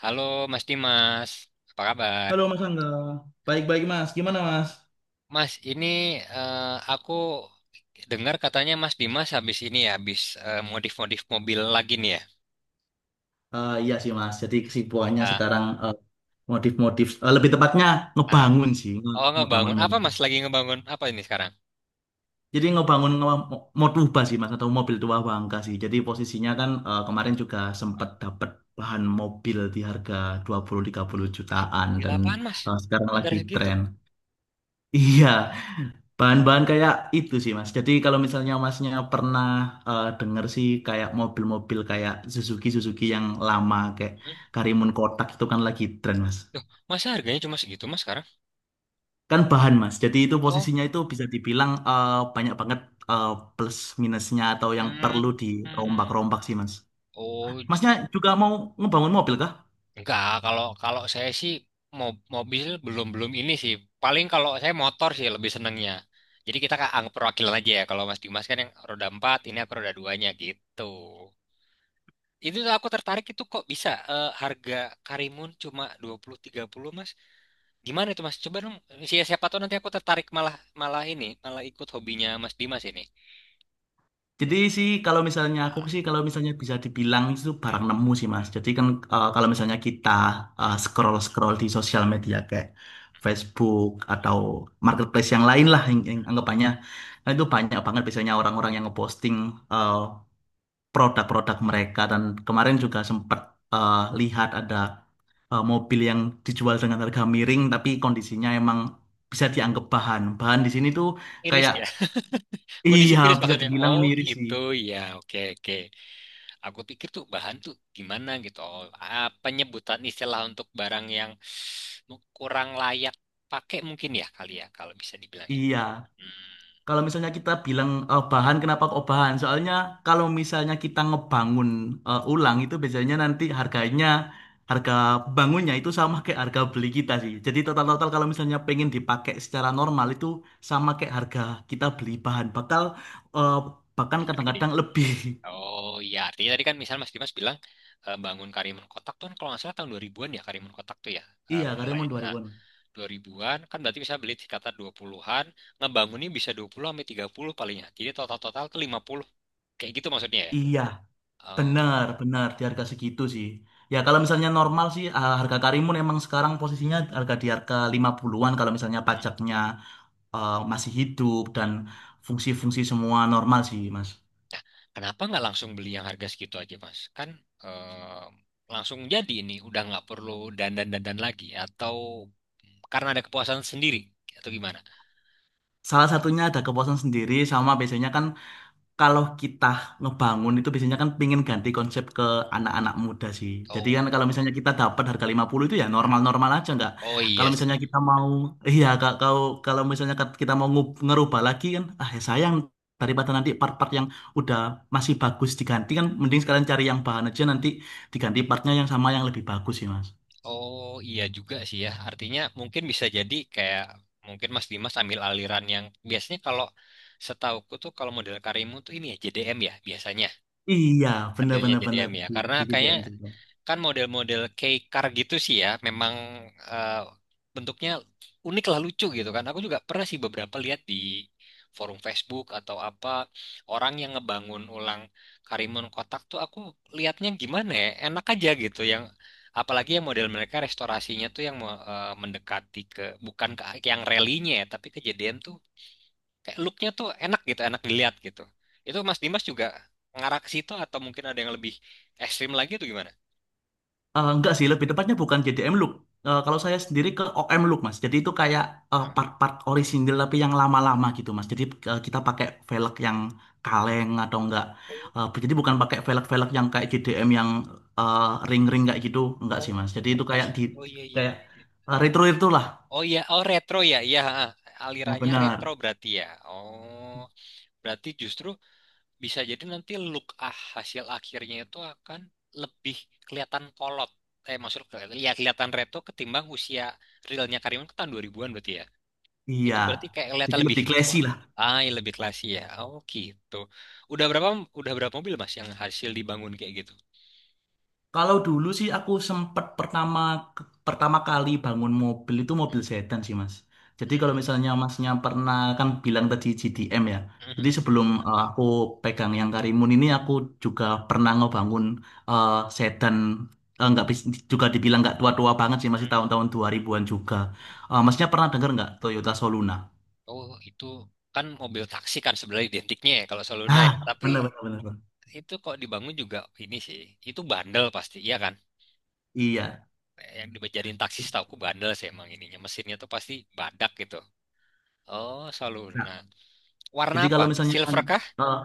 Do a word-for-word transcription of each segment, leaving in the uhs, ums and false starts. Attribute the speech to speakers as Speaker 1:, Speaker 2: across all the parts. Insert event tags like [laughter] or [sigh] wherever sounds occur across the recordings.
Speaker 1: Halo Mas Dimas, apa kabar?
Speaker 2: Halo Mas Angga. Baik-baik Mas.
Speaker 1: Hmm.
Speaker 2: Gimana Mas?
Speaker 1: Mas, ini eh, aku dengar katanya Mas Dimas habis ini ya, habis eh, modif-modif mobil lagi nih ya.
Speaker 2: Eh, iya sih Mas. Jadi kesibukannya
Speaker 1: Ah,
Speaker 2: sekarang eh, modif-modif. Eh, lebih tepatnya
Speaker 1: ah.
Speaker 2: ngebangun sih. Nge-
Speaker 1: Oh,
Speaker 2: ngebangun
Speaker 1: ngebangun. Apa
Speaker 2: mobil.
Speaker 1: Mas lagi ngebangun? Apa ini sekarang?
Speaker 2: Jadi ngebangun nge Motuba sih Mas. Atau mobil tua bangka sih. Jadi posisinya kan eh, kemarin juga sempat
Speaker 1: Eh,
Speaker 2: dapat bahan mobil di harga dua puluh, tiga puluh jutaan.
Speaker 1: gila
Speaker 2: Dan
Speaker 1: apaan Mas?
Speaker 2: eh, sekarang
Speaker 1: Negara
Speaker 2: lagi
Speaker 1: segitu.
Speaker 2: tren. Iya. Bahan-bahan kayak itu sih Mas. Jadi kalau misalnya Masnya pernah eh, denger sih kayak mobil-mobil kayak Suzuki Suzuki yang lama kayak
Speaker 1: Hmm.
Speaker 2: Karimun Kotak itu kan lagi tren Mas.
Speaker 1: Tuh, masa harganya cuma segitu Mas sekarang?
Speaker 2: Kan bahan Mas. Jadi itu
Speaker 1: Oh.
Speaker 2: posisinya itu bisa dibilang eh, banyak banget eh, plus minusnya atau yang
Speaker 1: Hmm.
Speaker 2: perlu
Speaker 1: Hmm.
Speaker 2: dirombak-rombak sih Mas.
Speaker 1: Oh.
Speaker 2: Masnya juga mau ngebangun mobil kah?
Speaker 1: Enggak, kalau kalau saya sih mo- mobil belum belum ini sih. Paling kalau saya motor sih lebih senengnya. Jadi kita kan anggap perwakilan aja ya. Kalau Mas Dimas kan yang roda empat, ini aku roda duanya gitu. Itu tuh aku tertarik itu kok bisa eh, harga Karimun cuma dua puluh tiga puluh Mas. Gimana itu Mas? Coba dong siapa siapa tahu nanti aku tertarik malah malah ini, malah ikut hobinya Mas Dimas ini.
Speaker 2: Jadi sih kalau misalnya aku
Speaker 1: Ah,
Speaker 2: sih kalau misalnya bisa dibilang itu
Speaker 1: hmm,
Speaker 2: barang nemu sih Mas. Jadi kan eh, kalau misalnya kita
Speaker 1: hmm.
Speaker 2: scroll scroll di sosial media kayak Facebook atau marketplace yang lain lah yang, yang anggapannya, nah, itu banyak banget biasanya orang-orang yang ngeposting eh, produk-produk mereka dan kemarin juga sempat eh, lihat ada eh, mobil yang dijual dengan harga miring tapi kondisinya emang bisa dianggap bahan. Bahan di sini tuh
Speaker 1: Miris
Speaker 2: kayak
Speaker 1: ya. Kondisi
Speaker 2: iya
Speaker 1: miris
Speaker 2: bisa
Speaker 1: maksudnya.
Speaker 2: dibilang
Speaker 1: Oh
Speaker 2: miris sih.
Speaker 1: gitu ya. Oke, oke. Aku pikir tuh bahan tuh gimana gitu. Oh, ah, penyebutan istilah untuk barang yang mu- kurang layak pakai mungkin ya kali ya kalau bisa dibilang ya.
Speaker 2: Iya.
Speaker 1: Hmm,
Speaker 2: Kalau misalnya kita bilang eh, bahan, kenapa kok bahan? Soalnya kalau misalnya kita ngebangun eh,
Speaker 1: hmm,
Speaker 2: ulang itu biasanya nanti harganya, harga bangunnya itu sama kayak harga beli kita sih. Jadi total-total kalau misalnya pengen dipakai secara normal itu sama kayak harga kita beli bahan. Bakal eh, bahkan
Speaker 1: bisa begini.
Speaker 2: kadang-kadang lebih. [laughs]
Speaker 1: Oh iya, artinya tadi kan misalnya Mas Dimas bilang eh, bangun Karimun Kotak tuh kan kalau nggak salah tahun dua ribu-an ya Karimun Kotak tuh ya eh,
Speaker 2: Iya,
Speaker 1: mulai.
Speaker 2: karyawan dua
Speaker 1: Nah,
Speaker 2: ribuan.
Speaker 1: dua ribu-an kan berarti bisa beli sekitar dua puluh-an, ngebangunnya bisa dua puluh sampai tiga puluh palingnya. Jadi total-total ke lima puluh. Kayak gitu maksudnya ya.
Speaker 2: Iya,
Speaker 1: Oh.
Speaker 2: benar, benar di harga segitu sih. Ya kalau misalnya normal sih eh, harga Karimun emang sekarang posisinya harga di harga lima puluhan-an kalau misalnya
Speaker 1: Hmm,
Speaker 2: pajaknya eh, masih hidup dan
Speaker 1: hmm.
Speaker 2: fungsi-fungsi semua normal sih Mas.
Speaker 1: Nah, kenapa nggak langsung beli yang harga segitu aja, Mas? Kan eh, langsung jadi ini, udah nggak perlu dandan-dandan lagi, atau karena ada kepuasan sendiri, atau gimana?
Speaker 2: Salah satunya ada kepuasan sendiri sama biasanya kan kalau kita ngebangun itu biasanya kan pingin ganti konsep ke anak-anak muda sih. Jadi kan
Speaker 1: Oh,
Speaker 2: kalau misalnya kita dapat harga lima puluh itu ya
Speaker 1: hmm.
Speaker 2: normal-normal aja nggak.
Speaker 1: Oh iya
Speaker 2: Kalau misalnya
Speaker 1: sih.
Speaker 2: kita mau [laughs] iya ka- kalau kalau misalnya kat- kita mau ngub- ngerubah lagi kan ah ya sayang daripada nanti part-part yang udah masih bagus diganti kan mending sekalian cari yang bahan aja nanti diganti partnya yang sama yang lebih bagus sih Mas.
Speaker 1: Oh iya juga sih ya. Artinya mungkin bisa jadi kayak mungkin Mas Dimas ambil aliran yang biasanya kalau setauku tuh kalau model Karimun tuh ini ya J D M ya biasanya
Speaker 2: Iya, benar
Speaker 1: ambilnya
Speaker 2: benar benar
Speaker 1: J D M ya
Speaker 2: di,
Speaker 1: karena
Speaker 2: di
Speaker 1: kayaknya
Speaker 2: J D M juga.
Speaker 1: kan model-model kayak car gitu sih ya, memang eh, bentuknya unik lah lucu gitu kan. Aku juga pernah sih beberapa lihat di forum Facebook atau apa orang yang ngebangun ulang Karimun Kotak tuh aku lihatnya gimana ya, enak aja gitu yang apalagi yang model mereka restorasinya tuh yang mau, eh, mendekati ke bukan ke ke yang relinya ya, tapi kejadian tuh kayak looknya tuh enak gitu, enak dilihat gitu. Itu Mas Dimas juga ngarah ke situ atau mungkin ada yang lebih ekstrim lagi tuh gimana?
Speaker 2: Eh, enggak sih, lebih tepatnya bukan J D M Look. Eh, kalau saya sendiri ke O M Look, Mas. Jadi itu kayak eh,
Speaker 1: Oh.
Speaker 2: part-part orisinil tapi yang lama-lama gitu, Mas. Jadi eh, kita pakai velg yang kaleng atau enggak. Eh, jadi bukan pakai velg-velg yang kayak J D M yang eh, ring-ring kayak gitu, enggak sih,
Speaker 1: Oh,
Speaker 2: Mas. Jadi
Speaker 1: oh,
Speaker 2: itu kayak
Speaker 1: justru.
Speaker 2: di
Speaker 1: Oh iya, iya,
Speaker 2: kayak
Speaker 1: iya. Iya.
Speaker 2: eh, retro itu lah.
Speaker 1: Oh iya, oh retro ya, iya. Ha, ha.
Speaker 2: Nah,
Speaker 1: Alirannya retro
Speaker 2: benar.
Speaker 1: berarti ya. Oh, berarti justru bisa jadi nanti look ah hasil akhirnya itu akan lebih kelihatan kolot. Eh, maksud kelihatan, ya kelihatan retro ketimbang usia realnya Karimun ke tahun dua ribu-an berarti ya.
Speaker 2: Iya.
Speaker 1: Itu berarti kayak kelihatan
Speaker 2: Jadi
Speaker 1: lebih
Speaker 2: lebih classy
Speaker 1: tua.
Speaker 2: lah.
Speaker 1: Ah, iya, lebih klasi ya. Oh gitu. Udah berapa udah berapa mobil Mas yang hasil dibangun kayak gitu?
Speaker 2: Kalau dulu sih aku sempet pertama pertama kali bangun mobil itu mobil
Speaker 1: Hmm,
Speaker 2: sedan sih Mas. Jadi kalau
Speaker 1: hmm,
Speaker 2: misalnya Masnya pernah kan bilang tadi G D M ya.
Speaker 1: hmm,
Speaker 2: Jadi
Speaker 1: hmm,
Speaker 2: sebelum eh, aku pegang yang Karimun ini aku juga pernah ngebangun eh, sedan eh, nggak bis- juga dibilang nggak tua-tua banget sih masih
Speaker 1: hmm.
Speaker 2: tahun-tahun dua ribuan-an juga.
Speaker 1: Hmm.
Speaker 2: Eh, masnya pernah dengar nggak Toyota Soluna?
Speaker 1: Oh, itu kan mobil taksi kan sebenarnya identiknya ya kalau Soluna
Speaker 2: Ah,
Speaker 1: ya. Tapi
Speaker 2: benar benar benar. Benar.
Speaker 1: itu kok dibangun juga ini sih. Itu bandel pasti, iya kan?
Speaker 2: Iya.
Speaker 1: Yang dibejadiin taksi setauku bandel sih emang ininya. Mesinnya tuh pasti badak gitu. Oh,
Speaker 2: Nah,
Speaker 1: Soluna. Warna
Speaker 2: jadi
Speaker 1: apa?
Speaker 2: kalau misalnya kan,
Speaker 1: Silver kah?
Speaker 2: eh,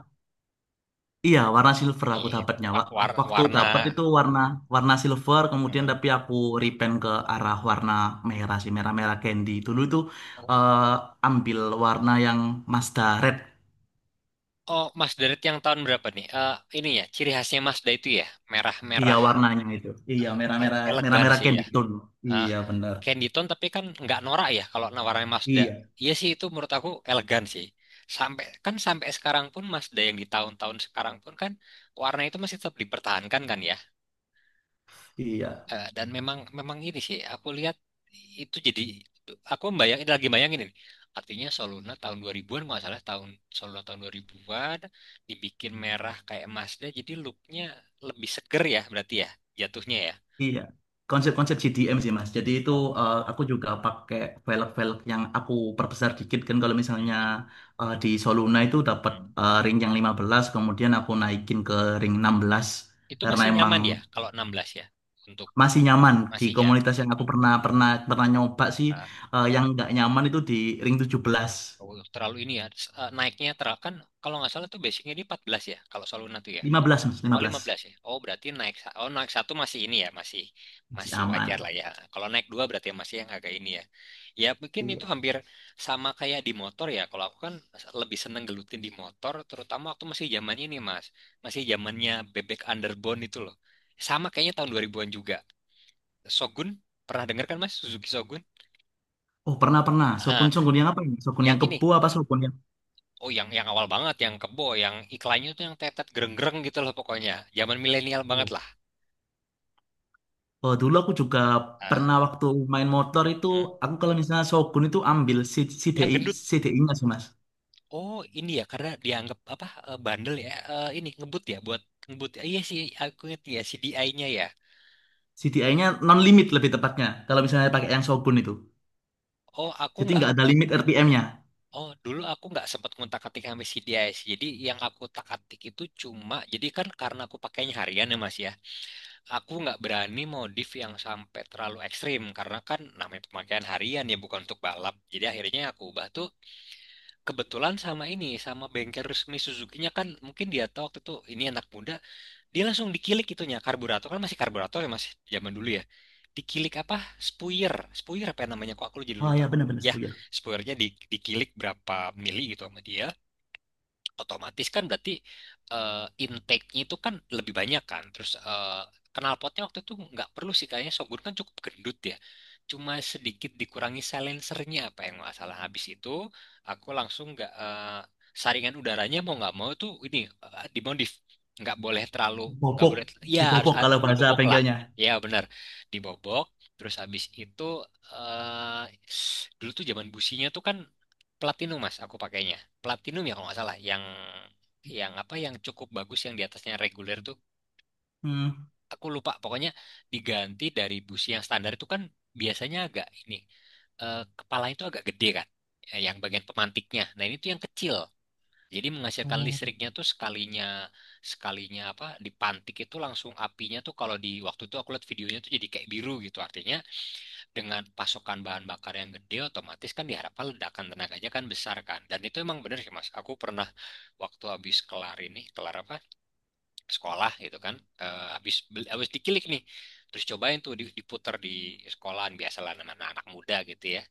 Speaker 2: iya, warna silver aku
Speaker 1: Iya,
Speaker 2: dapatnya.
Speaker 1: wa-
Speaker 2: Wa-
Speaker 1: war-
Speaker 2: Waktu
Speaker 1: warna.
Speaker 2: dapat itu warna warna silver, kemudian
Speaker 1: Mm.
Speaker 2: tapi aku repaint ke arah warna merah sih, merah-merah candy. Dulu itu
Speaker 1: Oh,
Speaker 2: eh, ambil warna yang Mazda Red.
Speaker 1: oh, Mazda yang tahun berapa nih? Eh, ini ya, ciri khasnya Mazda itu ya,
Speaker 2: Iya,
Speaker 1: merah-merah,
Speaker 2: warnanya itu. Iya,
Speaker 1: el-
Speaker 2: merah-merah
Speaker 1: elegan
Speaker 2: merah-merah
Speaker 1: sih ya.
Speaker 2: candy tone.
Speaker 1: Ah,
Speaker 2: Iya, benar.
Speaker 1: Candyton tapi kan nggak norak ya kalau nawarnya Mazda.
Speaker 2: Iya,
Speaker 1: Iya sih itu menurut aku elegan sih. Sampai kan sampai sekarang pun Mazda yang di tahun-tahun sekarang pun kan warna itu masih tetap dipertahankan kan ya.
Speaker 2: iya.
Speaker 1: Eh, dan memang memang ini sih aku lihat itu jadi aku bayangin lagi bayangin ini. Artinya Soluna tahun dua ribu-an nggak salah tahun Soluna tahun dua ribu-an dibikin merah kayak Mazda jadi looknya lebih seger ya berarti ya jatuhnya ya.
Speaker 2: Iya, konsep-konsep C D M sih Mas. Jadi itu
Speaker 1: Oh.
Speaker 2: eh, aku juga pakai velg-velg yang aku perbesar dikit kan kalau misalnya
Speaker 1: Mm-mm.
Speaker 2: eh, di Soluna itu dapat eh, ring yang lima belas, kemudian aku
Speaker 1: Mm-mm.
Speaker 2: naikin ke ring enam belas
Speaker 1: Itu
Speaker 2: karena
Speaker 1: masih
Speaker 2: emang
Speaker 1: nyaman ya kalau enam belas ya untuk
Speaker 2: masih nyaman di
Speaker 1: masih ya.
Speaker 2: komunitas yang aku pernah pernah pernah nyoba sih
Speaker 1: Ah,
Speaker 2: eh, yang nggak nyaman itu di ring tujuh belas
Speaker 1: terlalu ini ya eh, naiknya terlalu kan kalau nggak salah tuh basicnya di empat belas ya kalau Soluna tuh ya.
Speaker 2: lima belas Mas,
Speaker 1: Oh,
Speaker 2: lima belas.
Speaker 1: lima belas ya. Oh berarti naik sa- oh naik satu masih ini ya masih
Speaker 2: Masih
Speaker 1: masih wajar
Speaker 2: aman.
Speaker 1: lah ya. Kalau naik dua berarti masih yang agak ini ya. Ya mungkin itu
Speaker 2: Iya.
Speaker 1: hampir sama kayak di motor ya. Kalau aku kan lebih seneng gelutin di motor terutama waktu masih zaman ini Mas. Masih zamannya bebek underbone itu loh. Sama kayaknya tahun dua ribu-an juga. Shogun pernah dengar kan Mas Suzuki Shogun?
Speaker 2: Oh, pernah pernah. Shogun
Speaker 1: Ah,
Speaker 2: Shogun yang apa ini? Shogun
Speaker 1: yang
Speaker 2: yang
Speaker 1: ini.
Speaker 2: kebo apa Shogun yang?
Speaker 1: Oh, yang yang awal banget, yang kebo, yang iklannya tuh yang tetet gereng-gereng gitu loh pokoknya. Zaman milenial banget
Speaker 2: Oh.
Speaker 1: lah.
Speaker 2: Oh, dulu aku juga
Speaker 1: Hah?
Speaker 2: pernah waktu main motor itu,
Speaker 1: Hmm?
Speaker 2: aku kalau misalnya Shogun itu ambil C-
Speaker 1: Yang
Speaker 2: CDI,
Speaker 1: gendut.
Speaker 2: C D I-nya sih mas.
Speaker 1: Oh, ini ya karena dianggap apa eh, bandel ya. Eh, ini ngebut ya buat ngebut. Eh, iya sih, aku inget ya C D I-nya ya.
Speaker 2: C D I nya non-limit lebih tepatnya, kalau misalnya pakai yang Shogun itu.
Speaker 1: Oh, aku
Speaker 2: Jadi
Speaker 1: nggak.
Speaker 2: nggak ada limit R P M-nya.
Speaker 1: Oh, dulu aku nggak sempat ngontak atik sama C D I sih. Jadi yang aku utak-atik itu cuma, jadi kan karena aku pakainya harian ya Mas ya. Aku nggak berani modif yang sampai terlalu ekstrim karena kan namanya pemakaian harian ya bukan untuk balap. Jadi akhirnya aku ubah tuh kebetulan sama ini sama bengkel resmi Suzuki-nya kan mungkin dia tahu waktu itu ini anak muda dia langsung dikilik itunya karburator kan masih karburator ya masih zaman dulu ya dikilik apa spuyer spuyer apa namanya kok aku jadi
Speaker 2: Oh
Speaker 1: lupa,
Speaker 2: ya benar-benar
Speaker 1: ya
Speaker 2: sepuyar.
Speaker 1: spuyernya di, dikilik berapa mili gitu sama dia otomatis kan berarti eh, intake-nya itu kan lebih banyak kan. Terus eh, knalpotnya waktu itu nggak perlu sih kayaknya Shogun kan cukup gendut ya. Cuma sedikit dikurangi silencernya apa yang nggak salah. Habis itu aku langsung nggak eh, saringan udaranya mau nggak mau tuh ini eh, dimodif. Nggak boleh terlalu nggak
Speaker 2: Bobok,
Speaker 1: boleh ya harus
Speaker 2: dibobok
Speaker 1: har-
Speaker 2: kalau bahasa
Speaker 1: dibobok lah.
Speaker 2: bengkelnya.
Speaker 1: Ya benar dibobok. Terus habis itu eh, dulu tuh zaman businya tuh kan platinum mas aku pakainya platinum ya kalau nggak salah yang yang apa yang cukup bagus yang di atasnya reguler tuh
Speaker 2: Hmm.
Speaker 1: aku lupa pokoknya diganti dari busi yang standar itu kan biasanya agak ini eh, kepala itu agak gede kan eh, yang bagian pemantiknya nah ini tuh yang kecil jadi menghasilkan
Speaker 2: Oh.
Speaker 1: listriknya tuh sekalinya sekalinya apa dipantik itu langsung apinya tuh kalau di waktu itu aku lihat videonya tuh jadi kayak biru gitu artinya dengan pasokan bahan bakar yang gede otomatis kan diharapkan ledakan tenaganya kan besar kan dan itu emang bener sih mas aku pernah waktu habis kelar ini kelar apa sekolah gitu kan eh, habis beli- habis dikilik nih terus cobain tuh di- diputer di sekolahan biasalah nama anak muda gitu ya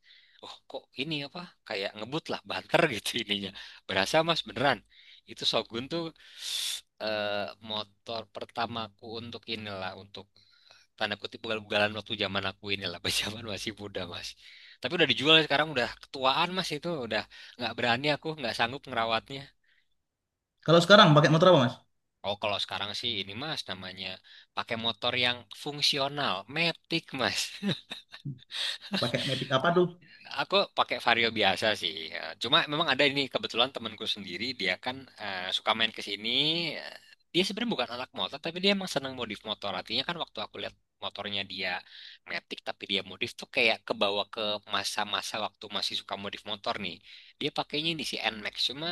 Speaker 1: oh kok ini apa kayak ngebut lah banter [laughs] gitu ininya berasa mas beneran itu Shogun tuh eh, motor pertamaku untuk inilah untuk tanda kutip ugal-ugalan waktu zaman aku inilah [laughs] pas zaman masih muda mas tapi udah dijual sekarang udah ketuaan mas itu udah nggak berani aku nggak sanggup ngerawatnya.
Speaker 2: Kalau sekarang pakai motor apa mas?
Speaker 1: Oh kalau sekarang sih ini mas namanya pakai motor yang fungsional metik mas. [laughs]
Speaker 2: Pakai Matic apa tuh?
Speaker 1: Aku pakai Vario biasa sih. Ya, cuma memang ada ini kebetulan temanku sendiri dia kan eh, suka main ke sini. Eh, Dia sebenarnya bukan anak motor tapi dia emang seneng modif motor. Artinya kan waktu aku lihat motornya dia metik tapi dia modif tuh kayak kebawa ke masa-masa waktu masih suka modif motor nih. Dia pakainya ini si en max cuma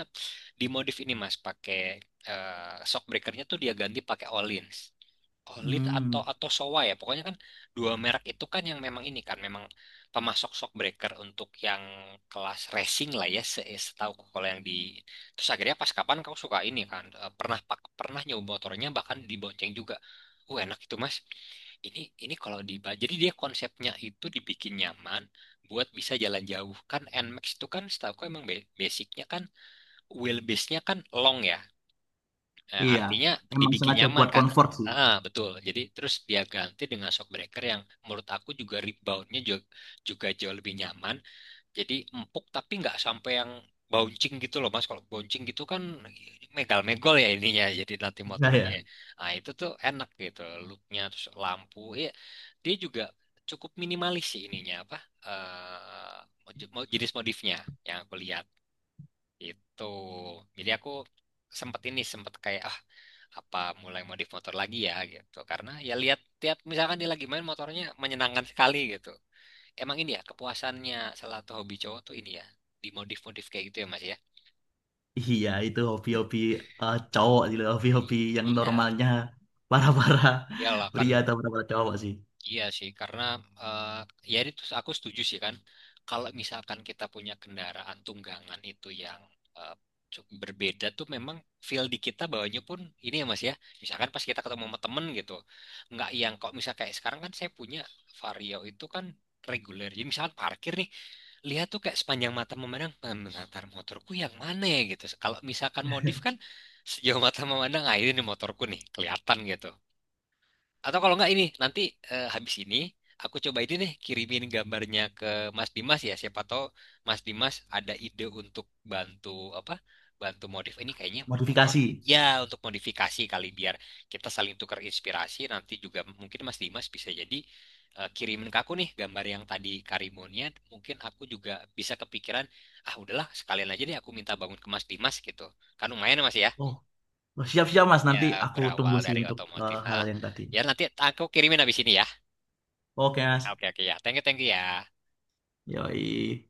Speaker 1: dimodif ini Mas pakai eh shock breakernya tuh dia ganti pakai Olins. Olit atau
Speaker 2: Hmm.
Speaker 1: atau Showa ya. Pokoknya kan dua merek itu kan yang memang ini kan memang pemasok shockbreaker untuk yang kelas racing lah ya se setahuku kalau yang di terus akhirnya pas kapan kau suka ini kan eh, pernah pak pernah nyoba motornya bahkan dibonceng juga. Uh enak itu Mas. Ini ini kalau di jadi dia konsepnya itu dibikin nyaman buat bisa jalan jauh kan en max itu kan setahuku emang be- basicnya kan wheelbase-nya kan long ya. Eh,
Speaker 2: Iya,
Speaker 1: artinya
Speaker 2: emang
Speaker 1: dibikin
Speaker 2: sengaja
Speaker 1: nyaman
Speaker 2: buat
Speaker 1: kan.
Speaker 2: comfort sih.
Speaker 1: Ah, betul. Jadi terus dia ganti dengan shockbreaker yang menurut aku juga reboundnya juga, juga jauh lebih nyaman. Jadi empuk tapi nggak sampai yang bouncing gitu loh Mas. Kalau bouncing gitu kan megal-megol ya ininya. Jadi nanti
Speaker 2: Nah,
Speaker 1: motornya.
Speaker 2: ya.
Speaker 1: Nah itu tuh enak gitu. Looknya terus lampu. Ya, dia juga cukup minimalis sih ininya apa. eh, mod- mod- jenis modifnya yang aku lihat. Itu. Jadi aku sempet ini sempet kayak ah apa mulai modif motor lagi ya gitu. Karena ya lihat tiap misalkan dia lagi main motornya menyenangkan sekali gitu. Emang ini ya kepuasannya salah satu hobi cowok tuh ini ya dimodif-modif kayak gitu ya Mas ya.
Speaker 2: Iya, itu hobi-hobi eh, cowok gitu, hobi-hobi
Speaker 1: I-
Speaker 2: yang
Speaker 1: Iya,
Speaker 2: normalnya para-para
Speaker 1: iyalah
Speaker 2: [laughs]
Speaker 1: kan.
Speaker 2: pria atau para-para cowok sih.
Speaker 1: Iya sih, karena eh, ya itu aku setuju sih kan. Kalau misalkan kita punya kendaraan tunggangan itu yang eh, cukup berbeda tuh memang feel di kita bawanya pun ini ya Mas ya. Misalkan pas kita ketemu sama temen gitu. Nggak yang kok misal kayak sekarang kan saya punya Vario itu kan reguler. Jadi misalkan parkir nih, lihat tuh kayak sepanjang mata memandang, "Hmm, latar motorku yang mana ya gitu. Kalau misalkan modif kan sejauh mata memandang, ah ini nih motorku nih, kelihatan gitu. Atau kalau nggak ini nanti eh, habis ini aku coba ini deh kirimin gambarnya ke Mas Dimas ya. Siapa tahu Mas Dimas ada ide untuk bantu apa? Bantu modif ini kayaknya motor.
Speaker 2: Modifikasi.
Speaker 1: Ya untuk modifikasi kali biar kita saling tukar inspirasi. Nanti juga mungkin Mas Dimas bisa jadi eh, kirimin ke aku nih gambar yang tadi Karimunnya. Mungkin aku juga bisa kepikiran ah udahlah sekalian aja deh aku minta bangun ke Mas Dimas gitu. Kan lumayan ya, Mas ya.
Speaker 2: Oh, oh, siap-siap Mas, nanti
Speaker 1: Ya
Speaker 2: aku tunggu
Speaker 1: berawal
Speaker 2: sih
Speaker 1: dari
Speaker 2: untuk
Speaker 1: otomotif.
Speaker 2: eh, hal
Speaker 1: Ah,
Speaker 2: yang tadi.
Speaker 1: ya nanti aku kirimin habis ini ya.
Speaker 2: Oke Mas,
Speaker 1: Ah, oke, oke ya. Thank you, thank you ya.
Speaker 2: yoi.